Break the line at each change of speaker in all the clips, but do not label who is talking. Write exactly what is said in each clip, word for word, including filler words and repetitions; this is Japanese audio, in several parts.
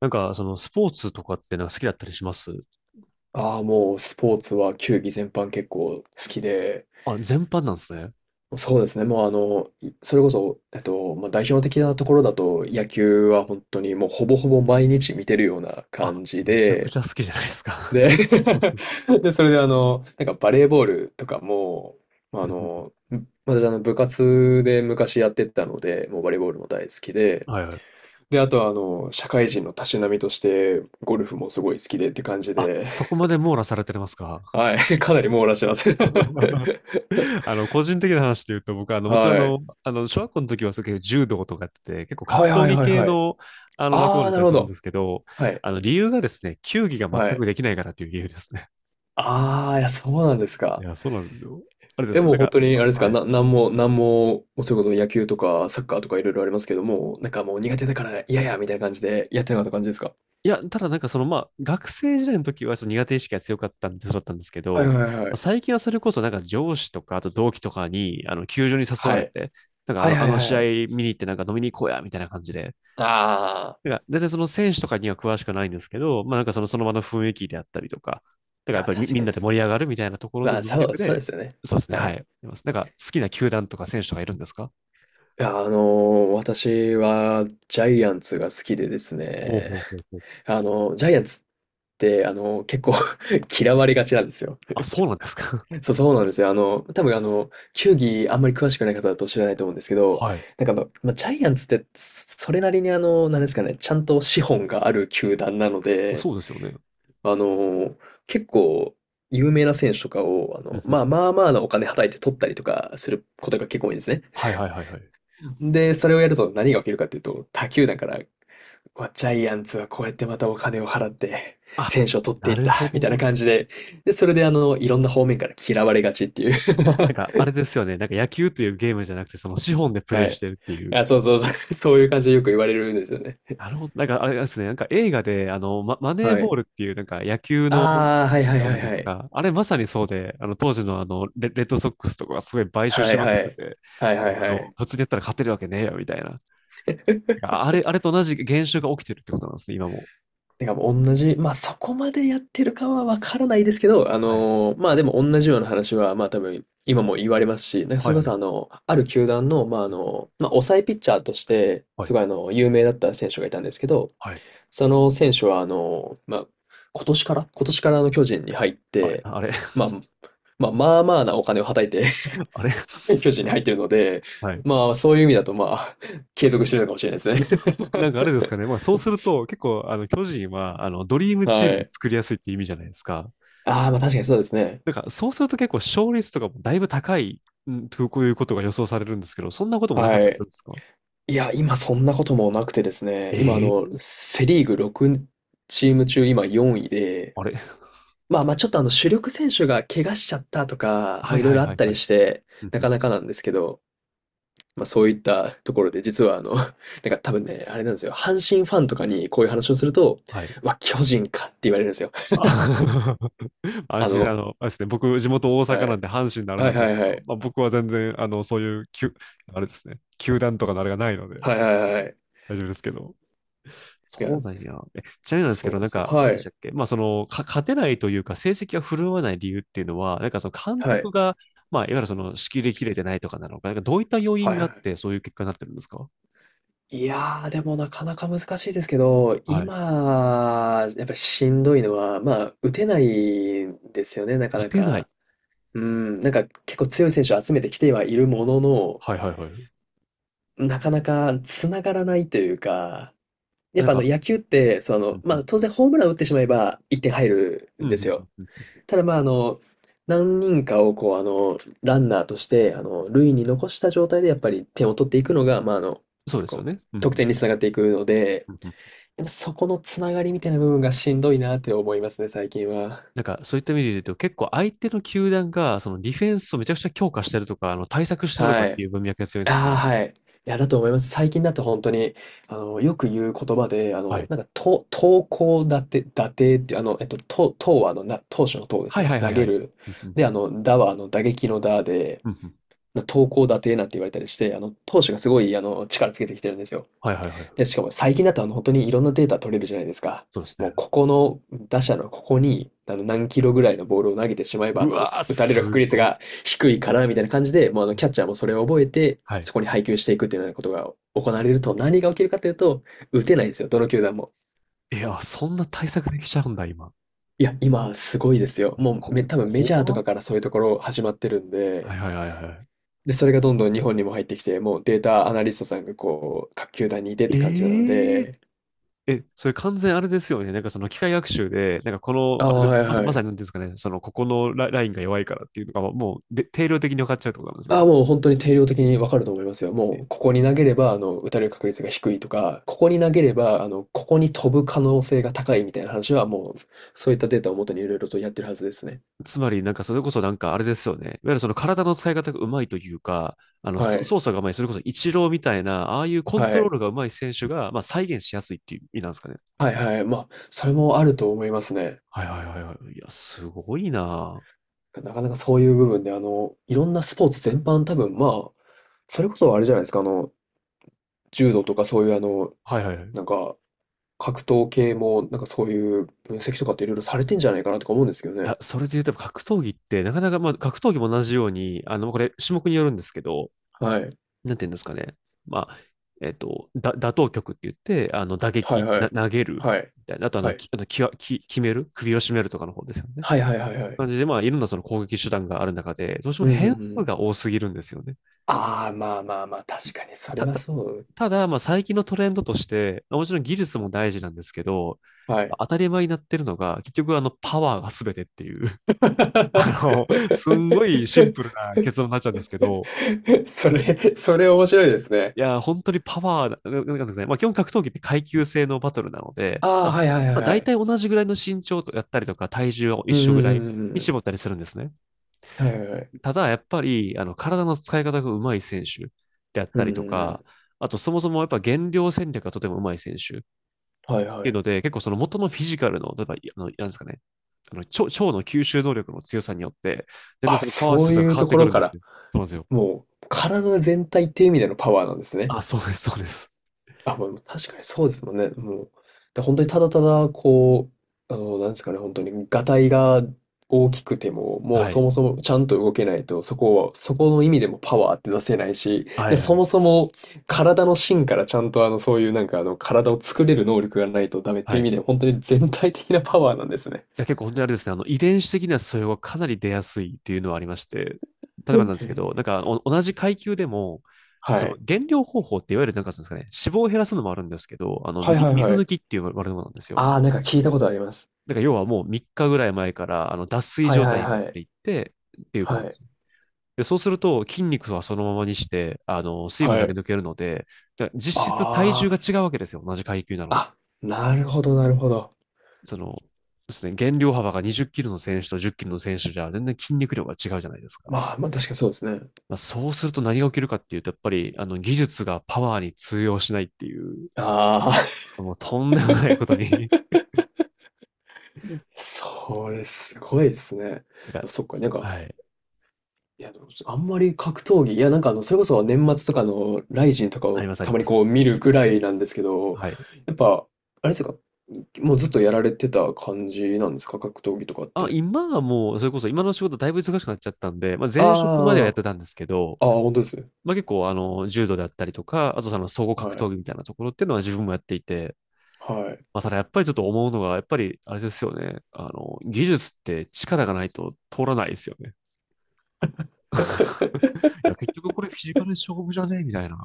なんか、その、スポーツとかってなんか好きだったりします？
ああ、もうスポーツは球技全般結構好きで、
あ、全般なんですね。
そうですね、もうあの、いそれこそ、えっと、まあ、代表的なところだと野球は本当にもうほぼほぼ毎日見てるような
あ、
感じ
めちゃく
で、
ちゃ好きじゃないですか。
で、で、それであの、なんかバレーボールとかも、まあ の、ん私あの部活で昔やってたので、もうバレーボールも大好きで、
はいはい。
で、あとはあの、社会人のたしなみとしてゴルフもすごい好きでって感じ
あ、
で、
そこまで網羅されてますか？
はい、かなり網羅してます。
あの、個人的な話で言うと、僕は、あの、もちろん、あ
はい。
の、あの、小学校の時は、そういう柔道とかやってて、結構
は
格
い
闘
はい
技
はい
系
はい。
の、あの、枠
あ
物
あ、
だった
な
り
るほ
するんで
ど。
すけど、
はい。
あの、理由がですね、球技が全
はい。
くできないからという理由ですね。
ああ、いや、そうなんです
い
か。
や、そうなんですよ。あれで
え、
す。
も
な
う
ん
本
か、
当にあ
あ
れですか、
はい。
な、なんも、なんも、うそれこそ野球とかサッカーとかいろいろありますけども、なんかもう苦手だから嫌や、みたいな感じでやってなかった感じですか？
いや、ただなんかそのまあ、学生時代の時はちょっと苦手意識が強かったんで、そうだったんですけ
はい
ど、
はい
ま
は
あ
い。
最近はそれこそなんか上司とか、あと同期とかに、あの、球場に誘わ
は
れ
い。
て、なんかあ
はい
の、
は
あ
い
の
はい
試
は
合
い。
見に行ってなんか飲みに行こうや、みたいな感じで、
ああ、
なんか全然その選手とかには詳しくないんですけど、まあなんかその、その場の雰囲気であったりとか、だから
い
や
や、
っぱりみ、
確
み
か
ん
にで
なで
す。
盛り上がるみたいなところ
ま
の
あ、
文
そう、
脈
そう
で、
ですよね。
そうですね、
は
は
い。
い。いますなんか好きな球団とか選手とかいるんですか？
いや、あの、私はジャイアンツが好きでです
ほうほ
ね、
うほうほう。
あの、ジャイアンツって、あの、結構 嫌われがちなんですよ。
あ、そうなんですか。
そう、そうなんですよ。あの、多分あの、球技あんまり詳しくない方だと知らないと思うんですけ ど、
はい。
なんかあの、まあ、ジャイアンツってそそれなりにあの、なんですかね、ちゃんと資本がある球団なの で、
そうですよね。
あの、結構有名な選手とかを、あ
う
の、
んうん。
まあまあまあなお金はたいて取ったりとかすることが結構多いんですね。
はいはいはいはい。
で、それをやると何が起きるかというと、他球団から、うわジャイアンツはこうやってまたお金を払って、
あ、
選手を取って
な
いっ
る
た、
ほ
みたいな
ど。
感じで、で、それであの、いろんな方面から嫌われがちっていう。
なんか、あれですよね。なんか野球というゲームじゃなくて、その資本でプ
は
レイし
い。
てるっていう。
あ、そうそうそう。そういう感じでよく言われるんですよね。
なるほど。なんか、あれですね。なんか映画で、あの、マ、マネー
は
ボ
い。
ールっていう、なんか野球の、
ああ、はいは
あ
い
れじ
は
ゃ
い
ないで
は
す
い。
か。あれまさにそうで、あの、当時のあの、レ、レッドソックスとかがすごい買収
は
し
い
まくっ
は
て
い。
て、
はい
も
はい
うあ
は
の、
い。
普通にやったら勝てるわけねえよ、みたいな。なんかあれ、あれと同じ現象が起きてるってことなんですね、今も。
てかもう同じ、まあそこまでやってるかはわからないですけど、あ
はい。
のーまあでも同じような話は、まあ多分今も言われますし、なんかそ
はい、
れ
は
こ
い。
そあの、ある球団の、まああの、まあ抑えピッチャーとして、
は
す
い。
ごいあの、有名だった選手がいたんですけど、
はい。
その選手はあの、まあ今年から今年からあの巨人に入っ
あれ、
て、
あれ、
まあ、まあまあまあなお金をはたいて
あれ。
巨人に入ってるので、
はい。
まあ、そういう意味だと、まあ、継続してるのかもしれないです
なんかあ
ね。
れですかね。まあそうすると結構あの巨人はあのドリー ムチ
は
ームを
い。
作りやすいって意味じゃないですか。
ああ、まあ確かにそうですね。
なんかそうすると結構勝率とかもだいぶ高い、うんとこういうことが予想されるんですけど、そんなこともなかっ
は
たりす
い。
るんですか？
いや、今そんなこともなくてですね、
え
今、あ
え
の、
ー。
セ・リーグろくチーム中、今よんいで、
あれ。
まあまあ、ちょっとあの、主力選手が怪我しちゃったとか、
は
も
い
ういろい
はい
ろあ
は
っ
い
た
は
り
い。
して、
うん
な
う
か
ん。
なかなんですけど、まあそういったところで、実はあの、なんか多分ね、あれなんですよ、阪神ファンとかにこういう話をすると、
はい。
うわ、巨人かって言われるんですよ。
あ。 安
あ
心、あ
の、
の、あれですね、僕、地元大阪
は
なん
い。
で阪神のあれな
はい
んで
は
す
い
け
は
ど、
い。
まあ、僕は全然、あの、そういう、きゅ、あれですね、球団とかのあれがないので、
はいはいはいはいはいはい。
大丈夫ですけど。
いや、
そうなんや。え、ちなみになんですけ
そう
ど、
で
なん
すね。
か、あれ
は
でした
い。
っけ、まあ、その、か勝てないというか、成績が振るわない理由っていうのは、なんかその監
はい。
督が、まあ、いわゆるその、仕切り切れてないとかなのか、なんかどういった要
は
因
い
があっ
は
て、そういう結果になってるんですか？
い。いやー、でもなかなか難しいですけど、
はい。
今、やっぱりしんどいのは、まあ、打てないんですよね、なか
打
な
てない。
か。うん、なんか結構強い選手を集めてきてはいるものの、
はいはいはい。
なかなか繋がらないというか、やっ
なん
ぱあの
か、
野球って、そ
う
の、
んう
ま
ん
あ当然ホームラン打ってしまえばいってん入る
う
ん
んう
で
ん
す
う
よ。
ん。うんうん。
ただまあ、あの、何人かをこう、あの、ランナーとして、あの、塁に残した状態でやっぱり点を取っていくのが、まあ、あの、
そうですよ
こ
ね。
う、
う
得
ん
点に
うん
つながっていくので、
うんうん。
やっぱそこのつながりみたいな部分がしんどいなって思いますね、最近は。
なんか、そういった意味で言うと、結構相手の球団が、その、ディフェンスをめちゃくちゃ強化してるとか、あの、対策してるとかっ
はい。
ていう文脈が強いんですか
ああ、
ね。
はい。いや、だと思います。最近だと本当に、あの、よく言う言葉で、あ
は
の、
い。
なんか、と投高打て打てっていう、あの、えっと、と投はあの、な投手の投で
は
す
い
ね。
はいは
投
いは
げ
い。
る。
うんう
で、
ん
あの、打はあの、打撃の打で、
うんうん。
投高打低なんて言われたりして、あの、投手がすごい、あの、力つけてきてるんですよ。
はいはいはい。
で、しかも最近だと、あの、本当にいろんなデータ取れるじゃないですか。
そうですね。
もう、ここの、打者のここに、あの、何キロぐらいのボールを投げてしまえば、あ
う
の、打
わー、
打たれる
す
確率
ご
が
い。
低いから、みたいな感じで、もう、あの、キャッチャーもそれを覚えて、
はい。
そこに配球していくっていうようなことが行われると、何が起きるかというと、打てないんですよ、どの球団も。
いや、そんな対策できちゃうんだ、今。
いや、今、すごいですよ。もう
こ、
め、多分メ
怖
ジャーと
っ。
かからそういうところ始まってるん
は
で、
いはいはいはい。
で、それがどんどん日本にも入ってきて、もうデータアナリストさんがこう、各球団にいてって感じなの
え。え
で、
え、それ完全あれですよね。なんかその機械学習で、なんかこの、
ああ、
あれ、
はい
まさ、
は
まさ
い。
に何ですかね、そのここのラ、ラインが弱いからっていうのがもうで定量的に分かっちゃうってことなんですよ
ああ、
ね。
もう本当に定量的にわかると思いますよ。もう、ここに投げれば、あの、打たれる確率が低いとか、ここに投げれば、あの、ここに飛ぶ可能性が高いみたいな話は、もう、そういったデータをもとにいろいろとやってるはずですね。
つまりなんかそれこそなんかあれですよね。いわゆるその体の使い方がうまいというか、あの、
は
そ
い。
操作がうまい、それこそイチローみたいな、ああいうコン
は
トロー
い。
ルがうまい選手が、まあ再現しやすいっていう意味なんですかね。
はいはい。まあ、それもあると思いますね。
はいはいはいはい。いや、すごいな。
なかなかそういう部分で、あの、いろんなスポーツ全般多分、まあ、それこそあれじゃないですか、あの、柔道とかそういうあの、
はいはいはい。
なん
い
か、格闘系も、なんかそういう分析とかっていろいろされてんじゃないかなとか思うんですけどね。
や、それで言うと、格闘技って、なかなか、まあ、格闘技も同じように、あの、これ、種目によるんですけど、
はい。
なんていうんですかね。まあ、えっと、だ、打倒曲って言って、あの、打
はい
撃、
は
な、
い。
投げる、
はい。
みたいな。あと、あ
は
の、
い。
き、あの、きわ、き、決める、首を絞めるとかの方ですよね。
はいはいはいはい。
感じで、まあ、いろんなその攻撃手段がある中で、どうして
う
も
んうんう
変数
ん。
が多すぎるんですよね。
ああ、まあまあまあ、確かにそれ
た、
は
た、
そう。
ただ、まあ、最近のトレンドとして、まあもちろん技術も大事なんですけど、
はい。
当たり前になってるのが、結局、あの、パワーが全てっていう。あのすんごいシンプル な結論になっちゃうんですけど、
それ、それ面白いですね。
いや、本当にパワー、ななんかですね、まあ基本格闘技って階級制のバトルなので、
あ
ま
あ、
あ、
はいはいは
まあ
いは
大
い。
体同じぐらいの身長とやったりとか体重は一
うんうん
緒
う
ぐらい
んうん
に
うん。
絞ったりするんですね。
はいはいはい。
ただやっぱり、あの、体の使い方が上手い選手であっ
うん
た
う
りと
んう
か、
ん。
あとそもそもやっぱ減量戦略がとてもうまい選手っ
はいは
ていう
い。
ので、結構その元のフィジカルの、例えば、あの、なんですかね、あの、腸腸の吸収能力の強さによって、全然
あ、
そのパワー
そ
指
う
数が
い
変
う
わっ
と
て
こ
く
ろ
るん
か
で
ら、
すよ。そうなんですよ。
もう体全体っていう意味でのパワーなんですね。
あ、そうです、そうです。
あ、まあ、確かにそうですもんね。もう、で、本当にただただ、こう、あの、なんですかね、本当に、がたいが大きくても、もう
は
そ
い。
もそもちゃんと動けないと、そこはそこの意味でもパワーって出せないし、
は
で、
い、は
そ
い、
もそも体の芯からちゃんと、あの、そういうなんか、あの、体を作れる能力がないとダメって
は
い
い。
う
い
意味で、本当に全体的なパワーなんですね。
や、結構本当にあれですね、あの、遺伝子的な素養がかなり出やすいっていうのはありまして、例えば
へ
なんですけど、なん
え。
かお同じ階級でも、
は
その
い。
減量方法っていわゆるなんかそうですかね、脂肪を減らすのもあるんですけど、あの、
はい
み
はい
水
は
抜
い。
きっていう悪いものなんですよ。
ああ、なんか聞いたことあります。
だから要はもうみっかぐらい前から、あの、脱水
はい
状
はい
態に持っ
は
て
い。
いってっていうこと
は
なんです
い。
よ。で、そうすると筋肉はそのままにして、あの、水分
は
だけ
い。
抜けるので、だから実質体重
ああ。
が違うわけですよ、同じ階級なのに。
あ、なるほどなるほど。
その、ですね、減量幅がにじゅっキロの選手とじゅっキロの選手じゃ全然筋肉量が違うじゃないですか。
まあ、ま、あ確かにそうですね。
まあ、そうすると何が起きるかっていうと、やっぱりあの技術がパワーに通用しないっていう、
ああ、
もうとんでもないことに。
それすごいですね。で
なんか、
もそっか、なんか、
はい、
いや、でも、あんまり格闘技、いや、なんか、あの、それこそ年末とかのライジンとか
あり
を
ますあ
た
り
ま
ま
にこ
す。
う見るぐらいなんですけど、
はい。
やっぱ、あれですか、もうずっとやられてた感じなんですか？格闘技とかっ
あ、
て。
今はもう、それこそ今の仕事だいぶ忙しくなっちゃったんで、まあ、前職まではやっ
あ
てたんですけど、
あああ本当です。
まあ、結構あの、柔道であったりとか、あとその総合
は
格闘
い。
技みたいなところっていうのは自分もやっていて、
はい。
まあ、ただやっぱりちょっと思うのが、やっぱりあれですよね。あの、技術って力がないと通らないですよね。いや、結局これフィジカル勝負じゃねみたいな。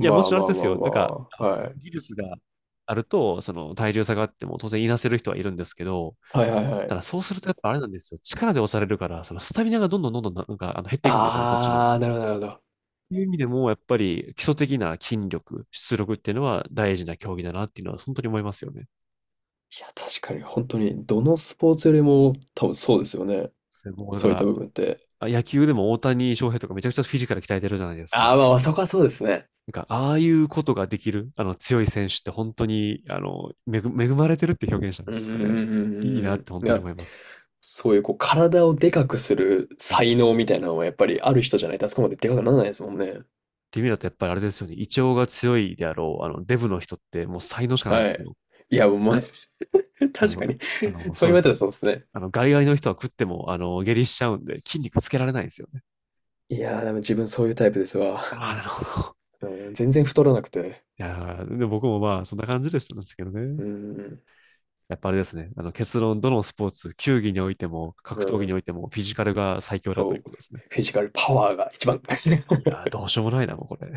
いや、も
あ
ちろんあ
ま
れ
あ
で
ま
す
あ
よ。なんか、
まあ、はい。
技術があると、その体重差があっても当然いなせる人はいるんですけど、
はいはいは
た
い。
だそうするとやっぱあれなんですよ。力で押されるから、そのスタミナがどんどんどんどんなんかあの減っていくんですよね、こっちの。
ああ、なるほどなるほど。
という意味でも、やっぱり基礎的な筋力、出力っていうのは大事な競技だなっていうのは本当に思いますよね。
いや、確
そ
か
う
に
で
本当にどのスポーツよりも多分そうですよね。
すね、もうだか
そういった
ら、
部分って。
あ、野球でも大谷翔平とかめちゃくちゃフィジカル鍛えてるじゃないですか。
ああ、まあまあ、そこはそうですね。
なんか、ああいうことができる、あの、強い選手って本当に、あの、恵、恵まれてるって表現したん
うん
で
う
すか
んう
ね。
ん
いいな
うん
っ
う
て本
ん。い
当に
や、
思います。
そういうこう体をでかくする
うん。っ
才能みたいなのはやっぱりある人じゃないとあそこまででかくならないですもんね。
ていう意味だとやっぱりあれですよね。胃腸が強いであろう、あの、デブの人ってもう才能しかないんで
は
す
い。
よ。
いや、もう、まあ
あ
確か
の、
に
あ の、
そ
そ
う
う
言
で
われ
す
た
よ。
らそうですね。
あの、ガリガリの人は食っても、あの、下痢しちゃうんで、筋肉つけられないんですよね。
いやー、でも自分そういうタイプですわ。
ああ、なるほど。
うん、全然太らなくて。
いやーで僕もまあ、そんな感じでしたんですけどね。
うん、
やっぱあれですね。あの結論、どのスポーツ、球技においても、
う
格闘技におい
ん、
ても、フィジカルが最強だという
そ
こ
う。
とですね。
フィジカルパワーが一番。
いや ー、どうしようもないな、もうこれ。